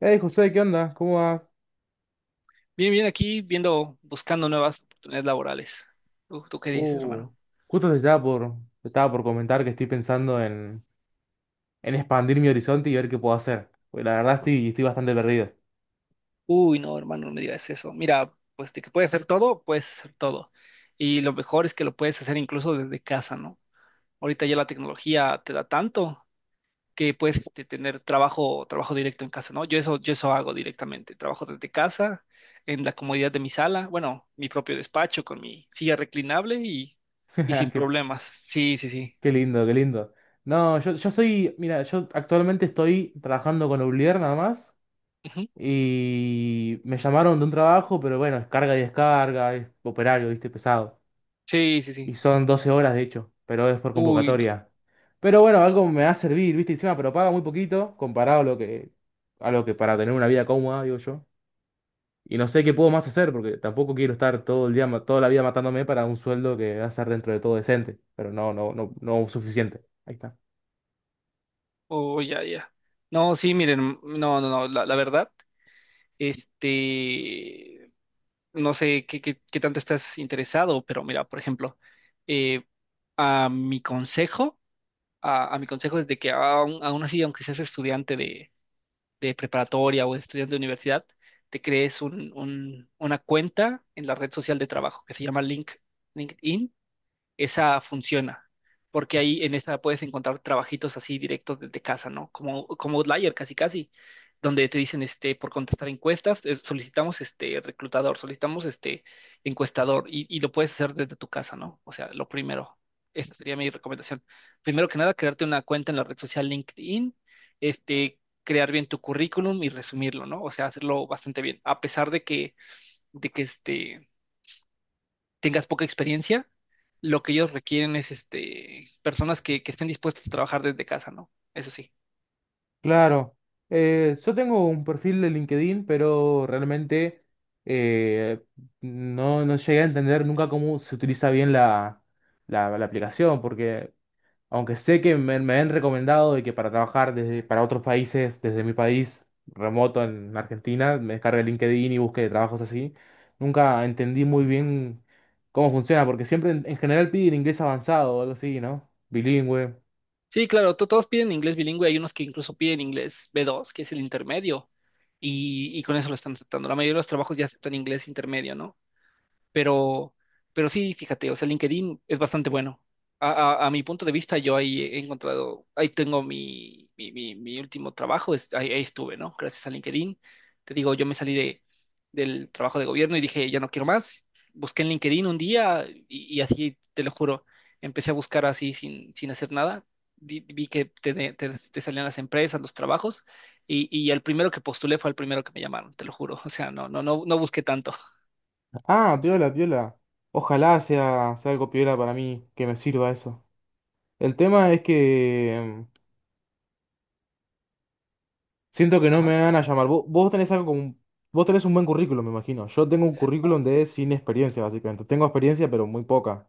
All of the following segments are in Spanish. Hey José, ¿qué onda? ¿Cómo va? Bien, bien, aquí viendo, buscando nuevas oportunidades laborales. ¿Tú qué dices, Uh, hermano? Justo te estaba por comentar que estoy pensando en expandir mi horizonte y ver qué puedo hacer. Porque la verdad estoy bastante perdido. Uy, no, hermano, no me digas eso. Mira, pues de que puedes hacer todo, puedes hacer todo. Y lo mejor es que lo puedes hacer incluso desde casa, ¿no? Ahorita ya la tecnología te da tanto que puedes tener trabajo directo en casa, ¿no? Yo eso hago directamente. Trabajo desde casa, en la comodidad de mi sala, bueno, mi propio despacho con mi silla reclinable y sin Qué, problemas. Sí, sí, sí. qué lindo, qué lindo. No, yo soy, mira, yo actualmente estoy trabajando con Oblier nada más. Ujú. Y me llamaron de un trabajo, pero bueno, es carga y descarga, es operario, viste, pesado. Sí, sí, Y sí. son 12 horas de hecho, pero es por Uy, no. convocatoria. Pero bueno, algo me va a servir, ¿viste? Encima, pero paga muy poquito comparado a lo que para tener una vida cómoda, digo yo. Y no sé qué puedo más hacer, porque tampoco quiero estar todo el día, toda la vida matándome para un sueldo que va a ser dentro de todo decente, pero no, no, no, no suficiente. Ahí está. Oh, ya, ya. No, sí, miren, no, no, no, la verdad, este, no sé qué tanto estás interesado, pero mira, por ejemplo, eh, a mi consejo, a mi consejo es de que aún así, aunque seas estudiante de preparatoria o estudiante de universidad, te crees una cuenta en la red social de trabajo que se llama LinkedIn esa funciona, porque ahí en esa puedes encontrar trabajitos así directos desde casa, ¿no? Como Outlier, casi casi, donde te dicen, por contestar encuestas, solicitamos, reclutador, solicitamos, encuestador, y lo puedes hacer desde tu casa, ¿no? O sea, lo primero, esa sería mi recomendación. Primero que nada, crearte una cuenta en la red social LinkedIn, este, crear bien tu currículum y resumirlo, ¿no? O sea, hacerlo bastante bien, a pesar de que, tengas poca experiencia, lo que ellos requieren es personas que estén dispuestas a trabajar desde casa, ¿no? Eso sí. Claro. Yo tengo un perfil de LinkedIn, pero realmente eh, no, no llegué a entender nunca cómo se utiliza bien la aplicación, porque aunque sé que me han recomendado de que para trabajar desde, para otros países, desde mi país remoto en Argentina, me descargue LinkedIn y busque trabajos así. Nunca entendí muy bien cómo funciona, porque siempre en general piden inglés avanzado o algo así, ¿no? Bilingüe. Sí, claro, todos piden inglés bilingüe, hay unos que incluso piden inglés B2 que es el intermedio, y con eso lo están aceptando. La mayoría de los trabajos ya aceptan inglés intermedio, ¿no? Pero, pero sí, fíjate, o sea, LinkedIn es bastante bueno. A, a mi punto de vista, yo ahí he encontrado, ahí tengo mi último trabajo, ahí estuve, ¿no? Gracias a LinkedIn. Te digo, yo me salí del trabajo de gobierno y dije, ya no quiero más. Busqué en LinkedIn un día y así, te lo juro, empecé a buscar así sin hacer nada. Vi que te salían las empresas, los trabajos, y el primero que postulé fue el primero que me llamaron, te lo juro. O sea, no busqué tanto. Ah, piola, piola. Ojalá sea, sea algo piola para mí, que me sirva eso. El tema es que siento que no Ajá. me van a llamar. Vos, vos tenés algo como un- vos tenés un buen currículum, me imagino. Yo tengo un currículum de sin experiencia, básicamente. Tengo experiencia, pero muy poca.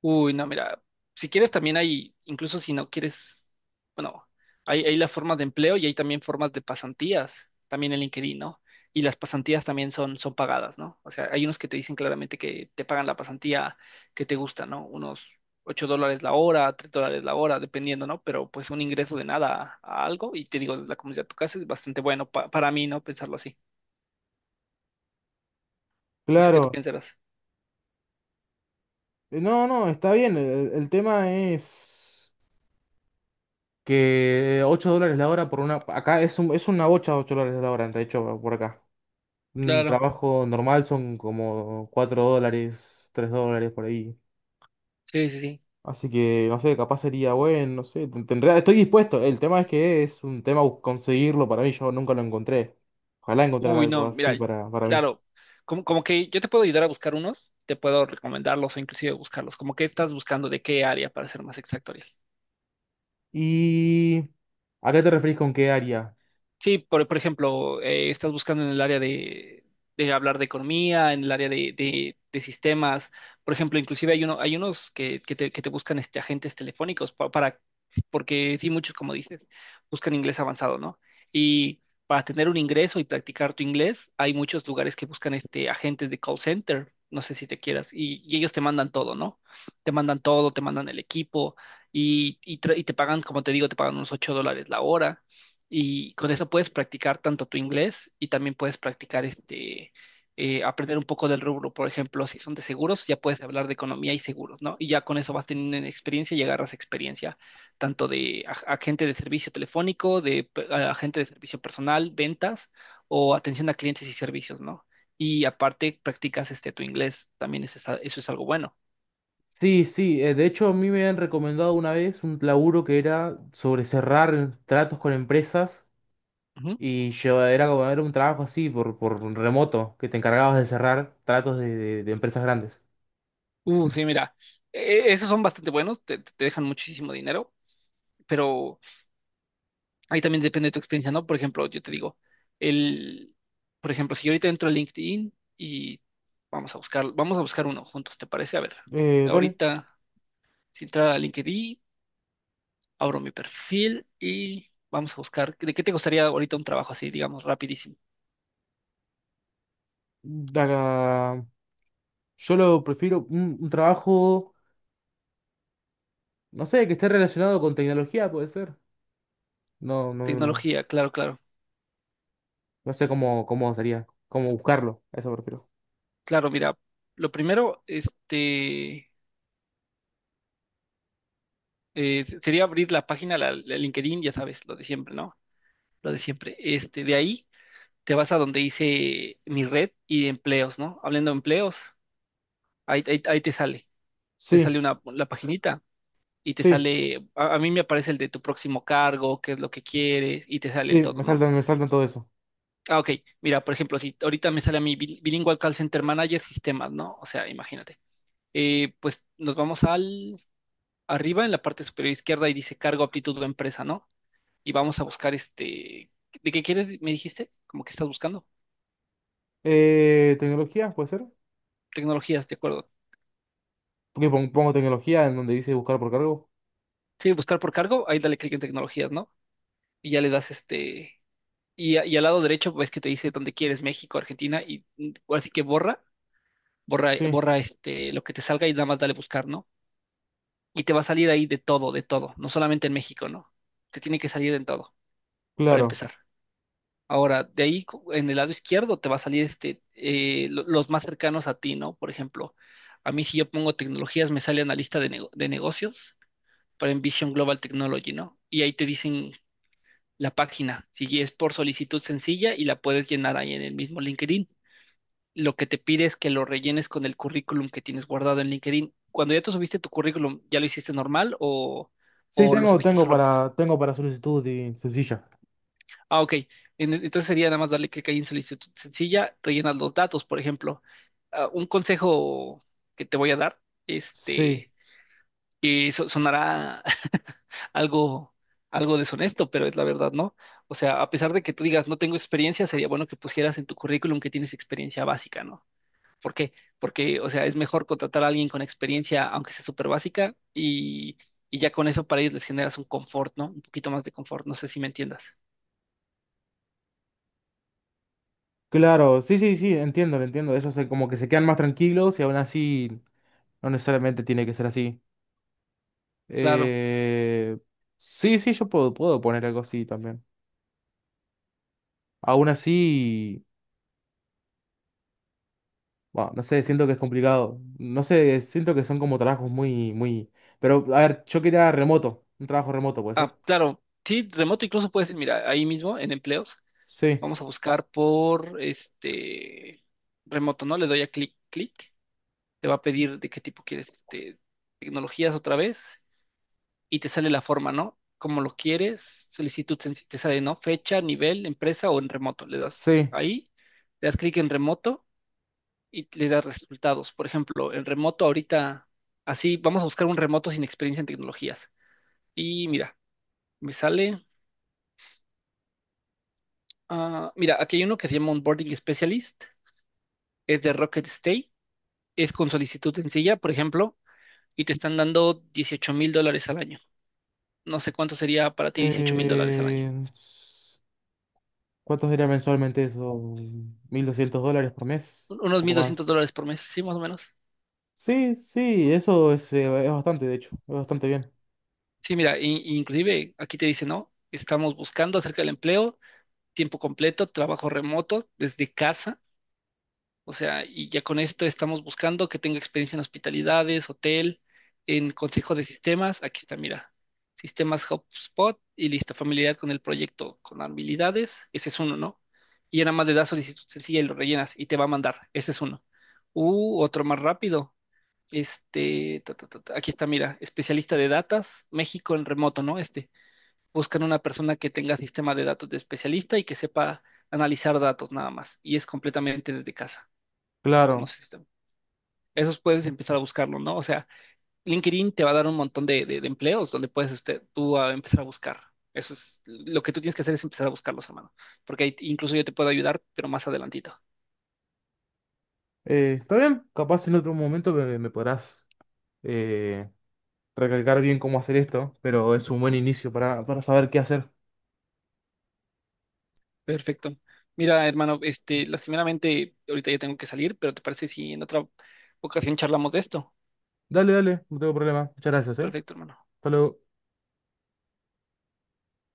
Uy, no, mira, si quieres también hay, incluso si no quieres, bueno, hay las formas de empleo y hay también formas de pasantías, también en LinkedIn, ¿no? Y las pasantías también son pagadas, ¿no? O sea, hay unos que te dicen claramente que te pagan la pasantía que te gusta, ¿no? Unos 8 dólares la hora, 3 dólares la hora, dependiendo, ¿no? Pero pues un ingreso de nada a algo y te digo, la comunidad de tu casa es bastante bueno para mí, ¿no? Pensarlo así. No sé qué tú Claro. piensas. No, no, está bien. El tema es que $8 la hora por una... Acá es, es una bocha $8 la hora, de hecho, por acá. Un Claro, trabajo normal son como $4, $3 por ahí. sí, sí, sí. Así que, no sé, capaz sería bueno, no sé. Estoy dispuesto. El tema es que es un tema conseguirlo para mí. Yo nunca lo encontré. Ojalá encontrar Uy, algo no, mira, así para mí. claro, como que yo te puedo ayudar a buscar unos, te puedo recomendarlos o inclusive buscarlos, como que estás buscando de qué área para ser más exacto, Ariel. ¿Y a qué te referís con qué área? Sí, por ejemplo, estás buscando en el área de hablar de economía, en el área de sistemas. Por ejemplo, inclusive hay unos que te buscan agentes telefónicos porque sí, muchos, como dices, buscan inglés avanzado, ¿no? Y para tener un ingreso y practicar tu inglés, hay muchos lugares que buscan agentes de call center, no sé si te quieras, y ellos te mandan todo, ¿no? Te mandan todo, te mandan el equipo y te pagan, como te digo, te pagan unos 8 dólares la hora y con eso puedes practicar tanto tu inglés y también puedes practicar aprender un poco del rubro. Por ejemplo, si son de seguros, ya puedes hablar de economía y seguros, ¿no? Y ya con eso vas teniendo experiencia y agarras experiencia tanto de agente de servicio telefónico, de agente de servicio personal, ventas o atención a clientes y servicios, ¿no? Y aparte practicas tu inglés, también eso es algo bueno. Sí, sí. Eh, de hecho, a mí me han recomendado una vez un laburo que era sobre cerrar tratos con empresas. Ujú. Y era como era un trabajo así por remoto, que te encargabas de cerrar tratos de, de empresas grandes. Sí, mira, esos son bastante buenos, te dejan muchísimo dinero, pero, ahí también depende de tu experiencia, ¿no? Por ejemplo, yo te digo, el, por ejemplo, si yo ahorita entro a LinkedIn y vamos a buscar uno juntos, ¿te parece? A ver, Dale. ahorita, si entrar a LinkedIn, abro mi perfil y vamos a buscar, ¿de qué te gustaría ahorita un trabajo así, digamos, rapidísimo? Acá. Yo lo prefiero un trabajo, no sé, que esté relacionado con tecnología, puede ser. No, no, no, no Tecnología, claro, claro. No sé cómo, cómo sería, cómo buscarlo. A Eso prefiero. Claro, mira, lo primero, sería abrir la página, la LinkedIn, ya sabes, lo de siempre, ¿no? Lo de siempre. De ahí te vas a donde hice mi red y empleos, ¿no? Hablando de empleos, ahí te sale, te Sí, sale una, la paginita y te sí, sale, a mí me aparece el de tu próximo cargo, qué es lo que quieres y te sale el sí, todo, ¿no? Me saltan todo eso. Ah, ok, mira, por ejemplo, si ahorita me sale a mi Bilingual Call Center Manager Sistemas, ¿no? O sea, imagínate. Pues nos vamos al arriba en la parte superior izquierda y dice cargo, aptitud o empresa, ¿no? Y vamos a buscar ¿de qué quieres? Me dijiste, como que estás buscando ¿Tecnología puede ser? tecnologías, ¿de acuerdo? Porque pongo tecnología en donde dice buscar por cargo. Sí, buscar por cargo, ahí dale clic en tecnologías, ¿no? Y ya le das y al lado derecho ves que te dice dónde quieres, México, Argentina, y ahora sí que borra, borra, Sí, borra lo que te salga y nada más dale buscar, ¿no? Y te va a salir ahí de todo, no solamente en México, ¿no? Te tiene que salir en todo, para claro. empezar. Ahora, de ahí en el lado izquierdo te va a salir los más cercanos a ti, ¿no? Por ejemplo, a mí si yo pongo tecnologías, me sale analista de negocios para Envision Global Technology, ¿no? Y ahí te dicen la página. Si es por solicitud sencilla y la puedes llenar ahí en el mismo LinkedIn. Lo que te pide es que lo rellenes con el currículum que tienes guardado en LinkedIn. Cuando ya te subiste tu currículum, ¿ya lo hiciste normal o, Sí, o lo tengo, subiste tengo solo? para, tengo para solicitud y sencilla. Ah, ok. Entonces sería nada más darle clic ahí en solicitud sencilla, rellenas los datos, por ejemplo. Ah, un consejo que te voy a dar, Sí, este, que sonará algo, algo deshonesto, pero es la verdad, ¿no? O sea, a pesar de que tú digas, no tengo experiencia, sería bueno que pusieras en tu currículum que tienes experiencia básica, ¿no? ¿Por qué? Porque, o sea, es mejor contratar a alguien con experiencia, aunque sea súper básica, y ya con eso para ellos les generas un confort, ¿no? Un poquito más de confort, no sé si me entiendas. claro. Sí, sí, sí, entiendo, lo entiendo. Como que se quedan más tranquilos y aún así no necesariamente tiene que ser así. Claro. Eh, sí, sí, yo puedo, puedo poner algo así también. Aún así, bueno, no sé, siento que es complicado. No sé, siento que son como trabajos muy, muy... Pero, a ver, yo quería remoto, un trabajo remoto, ¿puede ser? Ah, claro. Sí, remoto incluso puedes, mira, ahí mismo en empleos, Sí, vamos a buscar por este remoto, ¿no? Le doy a clic, clic. Te va a pedir de qué tipo quieres tecnologías otra vez y te sale la forma, ¿no? Como lo quieres, solicitud, te sale, ¿no? Fecha, nivel, empresa o en remoto. Le das sí. ahí, le das clic en remoto y le das resultados. Por ejemplo, en remoto ahorita, así, vamos a buscar un remoto sin experiencia en tecnologías. Y mira, me sale, ah, mira, aquí hay uno que se llama Onboarding Specialist, es de Rocket Stay, es con solicitud sencilla, por ejemplo, y te están dando 18 mil dólares al año. No sé cuánto sería para ti 18.000 dólares al año. Eh, s- ¿Cuánto sería mensualmente eso? ¿$1200 por mes? Un- Un Unos poco 1.200 más. dólares por mes, sí, más o menos. Sí, sí, eso es bastante, de hecho, es bastante bien. Sí, mira, inclusive aquí te dice, ¿no? Estamos buscando acerca del empleo, tiempo completo, trabajo remoto, desde casa. O sea, y ya con esto estamos buscando que tenga experiencia en hospitalidades, hotel, en consejo de sistemas. Aquí está, mira, sistemas HubSpot y listo, familiaridad con el proyecto, con habilidades. Ese es uno, ¿no? Y ya nada más le das solicitud sencilla y lo rellenas y te va a mandar. Ese es uno. Otro más rápido. Aquí está, mira, especialista de datas, México en remoto, ¿no? Buscan una persona que tenga sistema de datos de especialista y que sepa analizar datos nada más, y es completamente desde casa. No Claro. sé si esos puedes empezar a buscarlo, ¿no? O sea, LinkedIn te va a dar un montón de empleos donde puedes usted, tú a empezar a buscar. Eso es lo que tú tienes que hacer es empezar a buscarlos, hermano, porque ahí incluso yo te puedo ayudar, pero más adelantito. Está bien, capaz en otro momento me, me podrás... eh, recalcar bien cómo hacer esto, pero es un buen inicio para saber qué hacer. Perfecto. Mira, hermano, lastimeramente, ahorita ya tengo que salir, pero ¿te parece si en otra ocasión charlamos de esto? Dale, dale, no tengo problema. Muchas gracias, ¿eh? Perfecto, hermano. Hasta luego.